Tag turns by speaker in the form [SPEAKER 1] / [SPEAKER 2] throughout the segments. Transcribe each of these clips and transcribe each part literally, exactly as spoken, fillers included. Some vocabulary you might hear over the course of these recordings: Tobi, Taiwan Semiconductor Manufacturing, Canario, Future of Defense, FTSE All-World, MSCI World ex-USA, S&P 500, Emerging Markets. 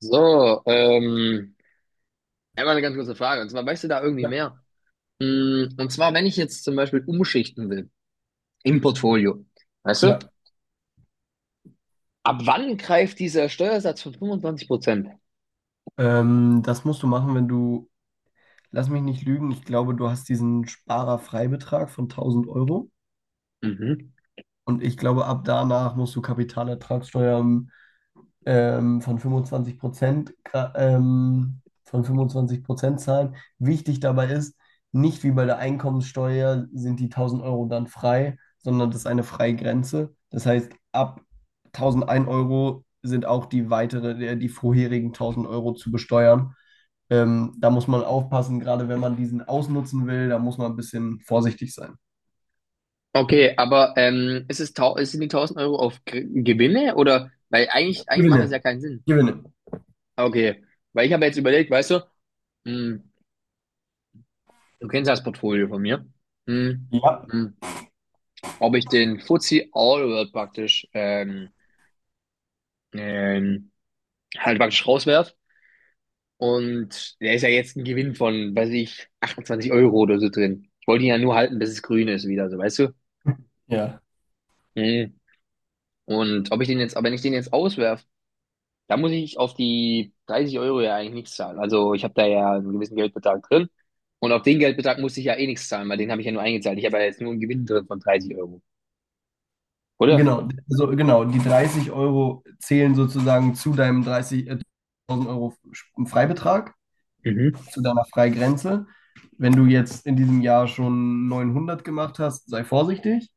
[SPEAKER 1] So, ähm, einmal eine ganz kurze Frage. Und zwar, weißt du da irgendwie
[SPEAKER 2] Ja.
[SPEAKER 1] mehr? Mm, Und zwar, wenn ich jetzt zum Beispiel umschichten will im Portfolio, weißt du,
[SPEAKER 2] Ja.
[SPEAKER 1] ab wann greift dieser Steuersatz von fünfundzwanzig Prozent?
[SPEAKER 2] Ähm, das musst du machen, wenn du, lass mich nicht lügen, ich glaube, du hast diesen Sparerfreibetrag von tausend Euro
[SPEAKER 1] Mhm.
[SPEAKER 2] und ich glaube, ab danach musst du Kapitalertragssteuer ähm, ähm, von fünfundzwanzig Prozent, gra- ähm, von fünfundzwanzig Prozent zahlen. Wichtig dabei ist, nicht wie bei der Einkommenssteuer sind die tausend Euro dann frei, sondern das ist eine Freigrenze. Das heißt, ab tausendein Euro sind auch die weitere, äh, die vorherigen tausend Euro zu besteuern. Ähm, da muss man aufpassen, gerade wenn man diesen ausnutzen will, da muss man ein bisschen vorsichtig sein.
[SPEAKER 1] Okay, aber ähm, ist es tau sind die tausend Euro auf Gr- Gewinne oder? Weil eigentlich, eigentlich macht das
[SPEAKER 2] Gewinne.
[SPEAKER 1] ja keinen Sinn.
[SPEAKER 2] Gewinne.
[SPEAKER 1] Okay, weil ich habe jetzt überlegt, weißt du, mm, du kennst ja das Portfolio von mir, mm,
[SPEAKER 2] Ja.
[SPEAKER 1] mm, ob ich den F T S E All World praktisch ähm, ähm, halt praktisch rauswerf. Und der ist ja jetzt ein Gewinn von, weiß ich, achtundzwanzig Euro oder so drin. Ich wollte ihn ja nur halten, bis es grün ist wieder, so, weißt du?
[SPEAKER 2] Ja.
[SPEAKER 1] Mhm. Und ob ich den jetzt, aber wenn ich den jetzt auswerf, da muss ich auf die dreißig Euro ja eigentlich nichts zahlen. Also ich habe da ja einen gewissen Geldbetrag drin. Und auf den Geldbetrag muss ich ja eh nichts zahlen, weil den habe ich ja nur eingezahlt. Ich habe ja jetzt nur einen Gewinn drin von dreißig Euro, oder?
[SPEAKER 2] Genau, also genau, die dreißig Euro zählen sozusagen zu deinem dreißig, äh, tausend Euro Sp- Freibetrag,
[SPEAKER 1] Mhm.
[SPEAKER 2] zu deiner Freigrenze. Wenn du jetzt in diesem Jahr schon neunhundert gemacht hast, sei vorsichtig.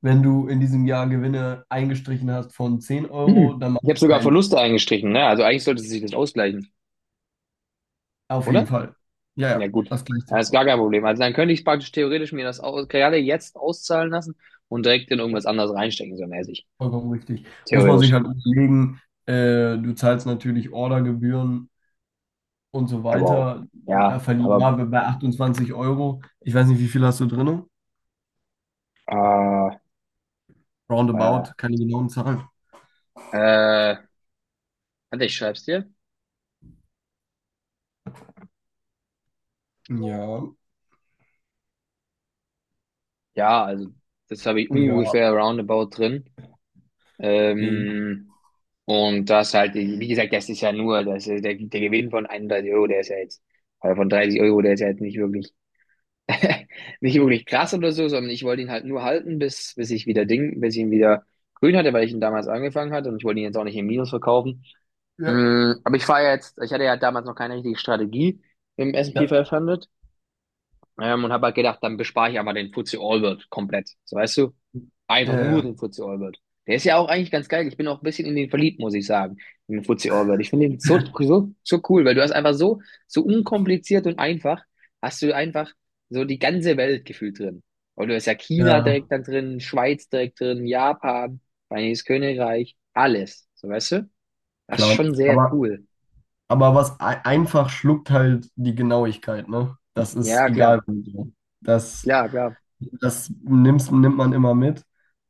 [SPEAKER 2] Wenn du in diesem Jahr Gewinne eingestrichen hast von zehn Euro,
[SPEAKER 1] Mhm.
[SPEAKER 2] dann macht
[SPEAKER 1] Ich habe
[SPEAKER 2] das
[SPEAKER 1] sogar
[SPEAKER 2] keinen Sinn.
[SPEAKER 1] Verluste eingestrichen, ne? Also eigentlich sollte sich das ausgleichen,
[SPEAKER 2] Auf jeden
[SPEAKER 1] oder?
[SPEAKER 2] Fall. Ja,
[SPEAKER 1] Ja,
[SPEAKER 2] ja,
[SPEAKER 1] gut.
[SPEAKER 2] das gleicht sich
[SPEAKER 1] Das ist gar
[SPEAKER 2] aus.
[SPEAKER 1] kein Problem. Also dann könnte ich praktisch theoretisch mir das aus gerade jetzt auszahlen lassen und direkt in irgendwas anderes reinstecken, so mäßig.
[SPEAKER 2] Vollkommen richtig. Muss man sich
[SPEAKER 1] Theoretisch.
[SPEAKER 2] halt überlegen, äh, du zahlst natürlich Ordergebühren und so
[SPEAKER 1] Aber auch.
[SPEAKER 2] weiter. Da
[SPEAKER 1] Ja, aber
[SPEAKER 2] verlieren wir bei achtundzwanzig Euro. Ich weiß nicht, wie viel hast du drin?
[SPEAKER 1] äh, äh,
[SPEAKER 2] Roundabout, keine genauen Zahlen.
[SPEAKER 1] äh, warte, ich schreib's dir.
[SPEAKER 2] Ja,
[SPEAKER 1] Ja, also das habe ich
[SPEAKER 2] ja,
[SPEAKER 1] ungefähr roundabout drin.
[SPEAKER 2] ja.
[SPEAKER 1] Ähm, und das halt, wie gesagt, das ist ja nur, das ist der, der Gewinn von einunddreißig Euro, der ist ja jetzt, oder von dreißig Euro, der ist ja jetzt nicht wirklich nicht wirklich krass oder so, sondern ich wollte ihn halt nur halten, bis, bis ich wieder Ding, bis ich ihn wieder grün hatte, weil ich ihn damals angefangen hatte und ich wollte ihn jetzt auch nicht im Minus verkaufen.
[SPEAKER 2] Ja,
[SPEAKER 1] Mm, aber ich fahre jetzt, ich hatte ja damals noch keine richtige Strategie im Es und Pe
[SPEAKER 2] ja,
[SPEAKER 1] fünfhundert. Ähm, und habe halt gedacht, dann bespare ich einfach den F T S E All-World komplett. So, weißt du? Einfach nur
[SPEAKER 2] ja,
[SPEAKER 1] den F T S E All-World. Der ist ja auch eigentlich ganz geil. Ich bin auch ein bisschen in den verliebt, muss ich sagen. In den Footsie All-World. Ich finde den so,
[SPEAKER 2] ja.
[SPEAKER 1] so, so cool, weil du hast einfach so, so unkompliziert und einfach, hast du einfach so die ganze Welt gefühlt drin. Und du hast ja China
[SPEAKER 2] Ja,
[SPEAKER 1] direkt da drin, Schweiz direkt drin, Japan, Vereinigtes Königreich, alles. So, weißt du? Das ist
[SPEAKER 2] klar.
[SPEAKER 1] schon sehr
[SPEAKER 2] Aber,
[SPEAKER 1] cool.
[SPEAKER 2] aber was ei- einfach schluckt halt die Genauigkeit, ne? Das ist
[SPEAKER 1] Ja,
[SPEAKER 2] egal.
[SPEAKER 1] klar,
[SPEAKER 2] Wo so. Das,
[SPEAKER 1] klar, klar.
[SPEAKER 2] Das nimmst, nimmt man immer mit.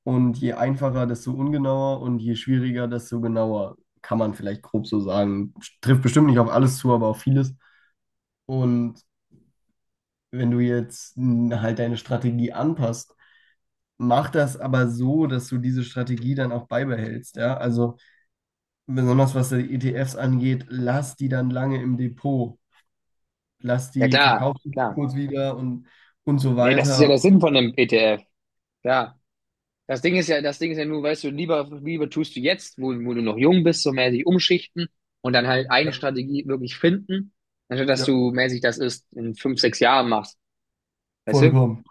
[SPEAKER 2] Und je einfacher, desto ungenauer und je schwieriger, desto genauer. Kann man vielleicht grob so sagen. Trifft bestimmt nicht auf alles zu, aber auf vieles. Und wenn du jetzt n, halt deine Strategie anpasst, mach das aber so, dass du diese Strategie dann auch beibehältst. Ja? Also besonders was die E T Fs angeht, lass die dann lange im Depot, lass
[SPEAKER 1] Ja,
[SPEAKER 2] die
[SPEAKER 1] klar,
[SPEAKER 2] verkauf die
[SPEAKER 1] klar.
[SPEAKER 2] kurz wieder und, und so
[SPEAKER 1] Nee, das ist ja
[SPEAKER 2] weiter.
[SPEAKER 1] der Sinn von einem E T F. Ja. Das Ding ist ja, das Ding ist ja nur, weißt du, lieber, lieber tust du jetzt, wo, wo du noch jung bist, so mäßig umschichten und dann halt
[SPEAKER 2] Ja,
[SPEAKER 1] eine Strategie wirklich finden, anstatt dass
[SPEAKER 2] ja,
[SPEAKER 1] du mäßig das erst in fünf, sechs Jahren machst. Weißt du?
[SPEAKER 2] vollkommen.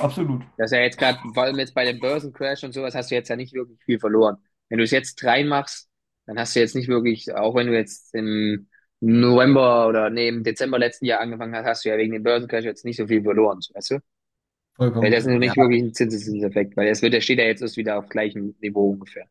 [SPEAKER 2] Absolut.
[SPEAKER 1] Das ist ja jetzt gerade, vor allem jetzt bei dem Börsencrash und sowas, hast du jetzt ja nicht wirklich viel verloren. Wenn du es jetzt reinmachst, dann hast du jetzt nicht wirklich, auch wenn du jetzt im November oder nee, im Dezember letzten Jahr angefangen hast, hast du ja wegen dem Börsencrash jetzt nicht so viel verloren, weißt du? Weil das ist
[SPEAKER 2] Vollkommen,
[SPEAKER 1] noch
[SPEAKER 2] ja.
[SPEAKER 1] nicht wirklich ein Zinseszinseffekt, weil das wird, der steht ja jetzt erst wieder auf gleichem Niveau ungefähr.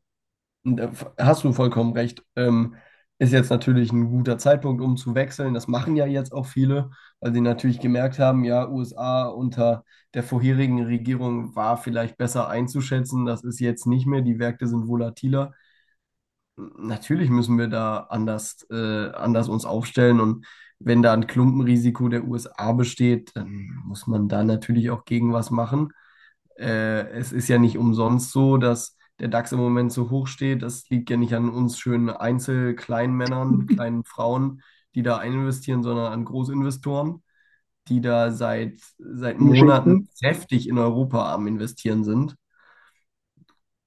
[SPEAKER 2] Da hast du vollkommen recht. Ähm, ist jetzt natürlich ein guter Zeitpunkt, um zu wechseln. Das machen ja jetzt auch viele, weil sie natürlich gemerkt haben, ja, U S A unter der vorherigen Regierung war vielleicht besser einzuschätzen. Das ist jetzt nicht mehr. Die Märkte sind volatiler. Natürlich müssen wir da anders, äh, anders uns aufstellen und wenn da ein Klumpenrisiko der U S A besteht, dann muss man da natürlich auch gegen was machen. Äh, es ist ja nicht umsonst so, dass der DAX im Moment so hoch steht. Das liegt ja nicht an uns schönen Einzel-Kleinmännern, kleinen Frauen, die da eininvestieren, sondern an Großinvestoren, die da seit, seit
[SPEAKER 1] Die
[SPEAKER 2] Monaten
[SPEAKER 1] Geschichten.
[SPEAKER 2] kräftig in Europa am Investieren sind.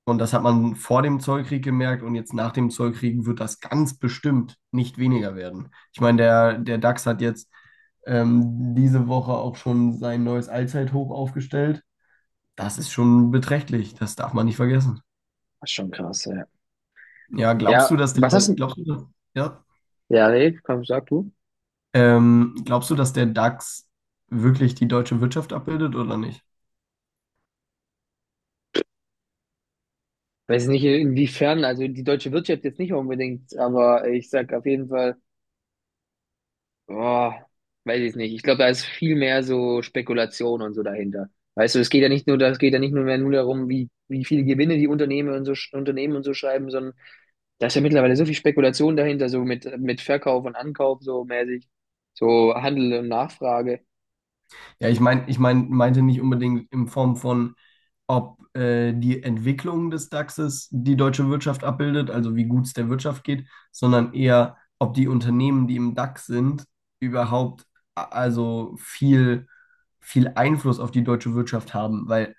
[SPEAKER 2] Und das hat man vor dem Zollkrieg gemerkt und jetzt nach dem Zollkrieg wird das ganz bestimmt nicht weniger werden. Ich meine, der, der DAX hat jetzt ähm, diese Woche auch schon sein neues Allzeithoch aufgestellt. Das ist schon beträchtlich, das darf man nicht vergessen.
[SPEAKER 1] Das ist schon krass, ja.
[SPEAKER 2] Ja, glaubst du,
[SPEAKER 1] Ja,
[SPEAKER 2] dass der,
[SPEAKER 1] was hast du?
[SPEAKER 2] glaubst du, ja,
[SPEAKER 1] Ja, nee, komm, sag du.
[SPEAKER 2] ähm, glaubst du, dass der DAX wirklich die deutsche Wirtschaft abbildet oder nicht?
[SPEAKER 1] Weiß nicht, inwiefern, also die deutsche Wirtschaft jetzt nicht unbedingt, aber ich sag auf jeden Fall, oh, weiß ich nicht. Ich glaube, da ist viel mehr so Spekulation und so dahinter. Weißt du, es geht ja nicht nur, das geht ja nicht nur mehr nur darum, wie, wie viele Gewinne die Unternehmen und so, sch- Unternehmen und so schreiben, sondern da ist ja mittlerweile so viel Spekulation dahinter, so mit, mit Verkauf und Ankauf, so mäßig, so Handel und Nachfrage.
[SPEAKER 2] Ja, ich meine, ich mein, meinte nicht unbedingt in Form von, ob äh, die Entwicklung des DAXes die deutsche Wirtschaft abbildet, also wie gut es der Wirtschaft geht, sondern eher, ob die Unternehmen, die im DAX sind, überhaupt a- also viel, viel Einfluss auf die deutsche Wirtschaft haben. Weil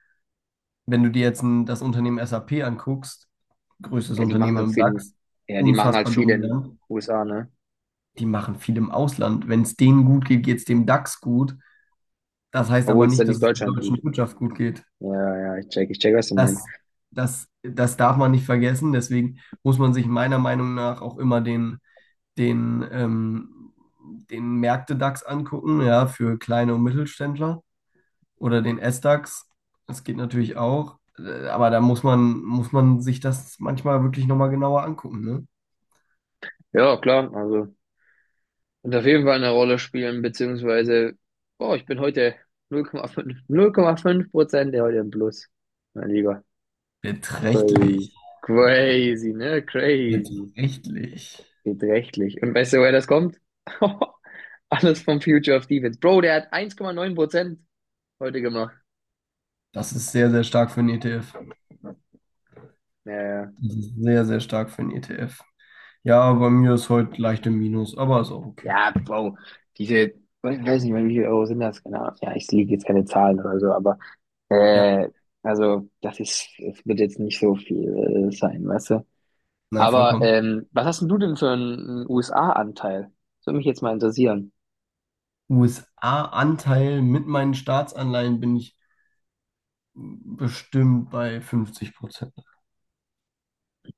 [SPEAKER 2] wenn du dir jetzt ein, das Unternehmen S A P anguckst, größtes
[SPEAKER 1] Ja, die machen
[SPEAKER 2] Unternehmen
[SPEAKER 1] halt
[SPEAKER 2] im
[SPEAKER 1] viel,
[SPEAKER 2] DAX,
[SPEAKER 1] ja, die machen halt
[SPEAKER 2] unfassbar
[SPEAKER 1] viel in den
[SPEAKER 2] dominant,
[SPEAKER 1] U S A, ne?
[SPEAKER 2] die machen viel im Ausland. Wenn es denen gut geht, geht es dem DAX gut. Das heißt aber
[SPEAKER 1] Obwohl es dann
[SPEAKER 2] nicht, dass
[SPEAKER 1] nicht
[SPEAKER 2] es der
[SPEAKER 1] Deutschland
[SPEAKER 2] deutschen
[SPEAKER 1] gut.
[SPEAKER 2] Wirtschaft gut geht.
[SPEAKER 1] Ja, ja, ich check, ich check, was du meinst.
[SPEAKER 2] Das, das, Das darf man nicht vergessen. Deswegen muss man sich meiner Meinung nach auch immer den, den, ähm, den Märkte-DAX angucken, ja, für kleine und Mittelständler oder den S-DAX. Das geht natürlich auch. Äh, Aber da muss man, muss man sich das manchmal wirklich nochmal genauer angucken, ne?
[SPEAKER 1] Ja, klar, also wird auf jeden Fall eine Rolle spielen, beziehungsweise, oh, ich bin heute null Komma fünf null Komma fünf Prozent der heute im Plus. Mein Lieber, crazy.
[SPEAKER 2] Beträchtlich.
[SPEAKER 1] Crazy, ne? Crazy.
[SPEAKER 2] Beträchtlich.
[SPEAKER 1] Beträchtlich. Und weißt du, woher das kommt? Alles vom Future of Defense. Bro, der hat eins Komma neun Prozent heute gemacht.
[SPEAKER 2] Das ist sehr, sehr stark für einen E T F.
[SPEAKER 1] Ja, ja,
[SPEAKER 2] Das ist sehr, sehr stark für einen E T F. Ja, bei mir ist heute leicht im Minus, aber ist auch okay.
[SPEAKER 1] ja, Bro, diese, ich weiß nicht, wie viel Euro sind das, genau. Ja, ich liege jetzt keine Zahlen oder so, aber
[SPEAKER 2] Ja,
[SPEAKER 1] Äh, also, das ist, es wird jetzt nicht so viel äh, sein, weißt du?
[SPEAKER 2] na,
[SPEAKER 1] Aber
[SPEAKER 2] vollkommen.
[SPEAKER 1] ähm, was hast denn du denn für einen U S A-Anteil? Das würde mich jetzt mal interessieren.
[SPEAKER 2] U S A-Anteil mit meinen Staatsanleihen bin ich bestimmt bei fünfzig Prozent.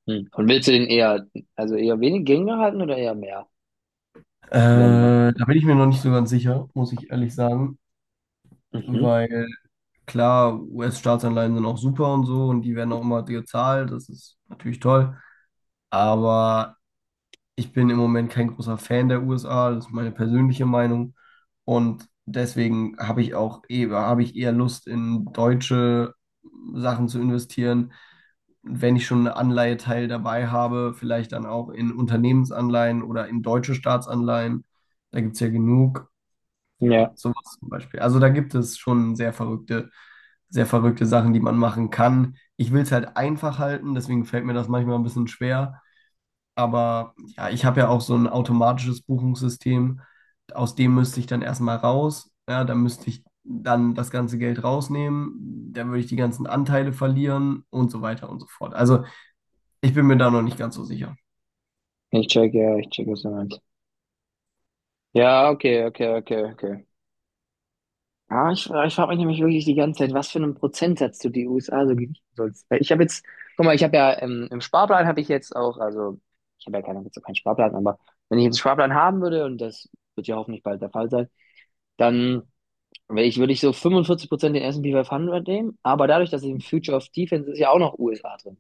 [SPEAKER 1] Hm. Und willst du den eher, also eher wenig geringer halten oder eher mehr
[SPEAKER 2] Äh,
[SPEAKER 1] werden lassen?
[SPEAKER 2] da bin ich mir noch nicht so ganz sicher, muss ich ehrlich sagen,
[SPEAKER 1] Mhm.
[SPEAKER 2] weil klar, U S-Staatsanleihen sind auch super und so und die werden auch immer gezahlt, das ist natürlich toll. Aber ich bin im Moment kein großer Fan der U S A, das ist meine persönliche Meinung. Und deswegen habe ich auch eher, habe ich eher Lust, in deutsche Sachen zu investieren. Wenn ich schon einen Anleiheteil dabei habe, vielleicht dann auch in Unternehmensanleihen oder in deutsche Staatsanleihen. Da gibt es ja genug. Ja,
[SPEAKER 1] Ja,
[SPEAKER 2] sowas zum Beispiel. Also da gibt es schon sehr verrückte, sehr verrückte Sachen, die man machen kann. Ich will es halt einfach halten, deswegen fällt mir das manchmal ein bisschen schwer. Aber ja, ich habe ja auch so ein automatisches Buchungssystem. Aus dem müsste ich dann erstmal raus. Ja, da müsste ich dann das ganze Geld rausnehmen. Dann würde ich die ganzen Anteile verlieren und so weiter und so fort. Also ich bin mir da noch nicht ganz so sicher.
[SPEAKER 1] ich check, ja, ich check, was du meinst. Ja, okay, okay, okay, okay. Ja, ich, ich frage mich nämlich wirklich die ganze Zeit, was für einen Prozentsatz du die U S A so gewichten sollst. Weil ich habe jetzt, guck mal, ich habe ja ähm, im Sparplan habe ich jetzt auch, also ich habe ja keinen, jetzt auch keinen Sparplan, aber wenn ich jetzt einen Sparplan haben würde, und das wird ja hoffentlich bald der Fall sein, dann wär ich, würde ich so fünfundvierzig Prozent den S und P fünfhundert nehmen, aber dadurch, dass ich im Future of Defense ist ja auch noch U S A drin,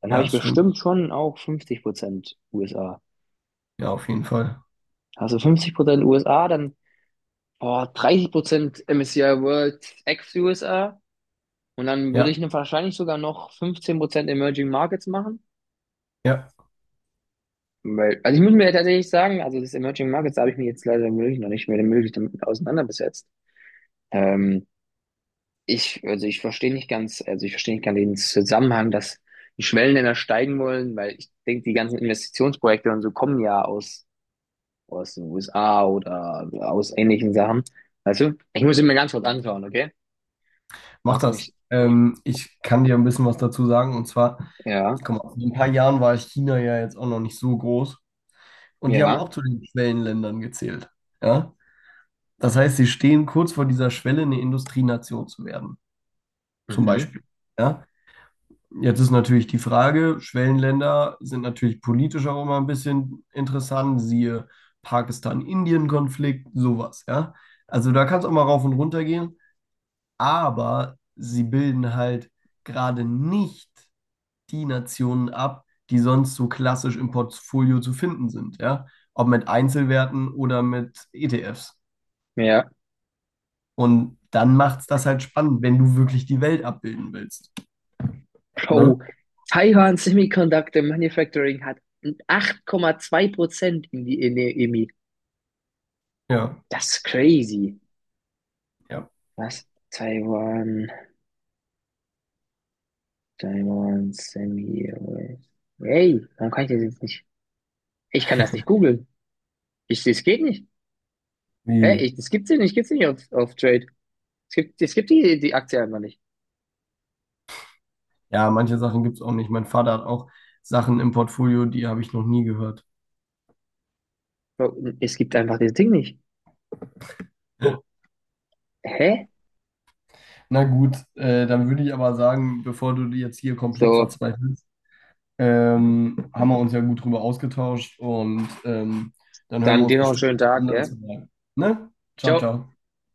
[SPEAKER 1] dann habe
[SPEAKER 2] Ja,
[SPEAKER 1] ich
[SPEAKER 2] das stimmt.
[SPEAKER 1] bestimmt schon auch fünfzig Prozent U S A.
[SPEAKER 2] Ja, auf jeden Fall.
[SPEAKER 1] Also fünfzig Prozent U S A, dann boah, dreißig Prozent M S C I World ex-U S A. Und dann würde
[SPEAKER 2] Ja,
[SPEAKER 1] ich ne- wahrscheinlich sogar noch fünfzehn Prozent Emerging Markets machen.
[SPEAKER 2] ja,
[SPEAKER 1] Weil, also ich muss mir tatsächlich sagen, also das Emerging Markets da habe ich mich jetzt leider wirklich noch nicht mehr wirklich damit auseinandergesetzt. Ähm, Ich, also ich verstehe nicht ganz, also ich verstehe nicht ganz den Zusammenhang, dass die Schwellenländer steigen wollen, weil ich denke, die ganzen Investitionsprojekte und so kommen ja aus, aus den U S A oder aus ähnlichen Sachen. Weißt du? Ich muss ihn mir ganz kurz anschauen, okay?
[SPEAKER 2] mach
[SPEAKER 1] Lass
[SPEAKER 2] das.
[SPEAKER 1] mich,
[SPEAKER 2] Ähm, ich kann dir ein bisschen was dazu sagen. Und zwar,
[SPEAKER 1] ja,
[SPEAKER 2] guck mal, vor ein paar Jahren war China ja jetzt auch noch nicht so groß. Und die haben
[SPEAKER 1] ja,
[SPEAKER 2] auch zu den Schwellenländern gezählt. Ja. Das heißt, sie stehen kurz vor dieser Schwelle, eine Industrienation zu werden, zum
[SPEAKER 1] mhm,
[SPEAKER 2] Beispiel. Ja? Jetzt ist natürlich die Frage, Schwellenländer sind natürlich politisch auch immer ein bisschen interessant, siehe Pakistan-Indien-Konflikt, sowas, ja. Also da kann es auch mal rauf und runter gehen, aber sie bilden halt gerade nicht die Nationen ab, die sonst so klassisch im Portfolio zu finden sind, ja. Ob mit Einzelwerten oder mit E T Fs.
[SPEAKER 1] ja.
[SPEAKER 2] Und dann macht es das halt spannend, wenn du wirklich die Welt abbilden willst. Ne?
[SPEAKER 1] Bro, Taiwan Semiconductor Manufacturing hat acht Komma zwei Prozent in die in der E M I.
[SPEAKER 2] Ja,
[SPEAKER 1] Das ist crazy.
[SPEAKER 2] ja.
[SPEAKER 1] Was? Taiwan, Taiwan Semi. Hey, warum kann ich das jetzt nicht? Ich kann das nicht googeln. Ich, das geht nicht. Hä?
[SPEAKER 2] Wie?
[SPEAKER 1] Ich, das gibt's hier nicht. Gibt's ja nicht auf, auf Trade. Es gibt, es gibt die, die Aktie einfach nicht.
[SPEAKER 2] Ja, manche Sachen gibt es auch nicht. Mein Vater hat auch Sachen im Portfolio, die habe ich noch nie gehört.
[SPEAKER 1] Bro, es gibt einfach das Ding nicht. Hä?
[SPEAKER 2] Na gut, äh, dann würde ich aber sagen, bevor du jetzt hier komplett
[SPEAKER 1] So,
[SPEAKER 2] verzweifelst, ähm, haben wir uns ja gut drüber ausgetauscht und ähm, dann hören wir
[SPEAKER 1] dann
[SPEAKER 2] uns
[SPEAKER 1] dir noch einen
[SPEAKER 2] bestimmt
[SPEAKER 1] schönen
[SPEAKER 2] was
[SPEAKER 1] Tag, gell?
[SPEAKER 2] anderes Mal. Ne? Ciao,
[SPEAKER 1] Ciao.
[SPEAKER 2] ciao.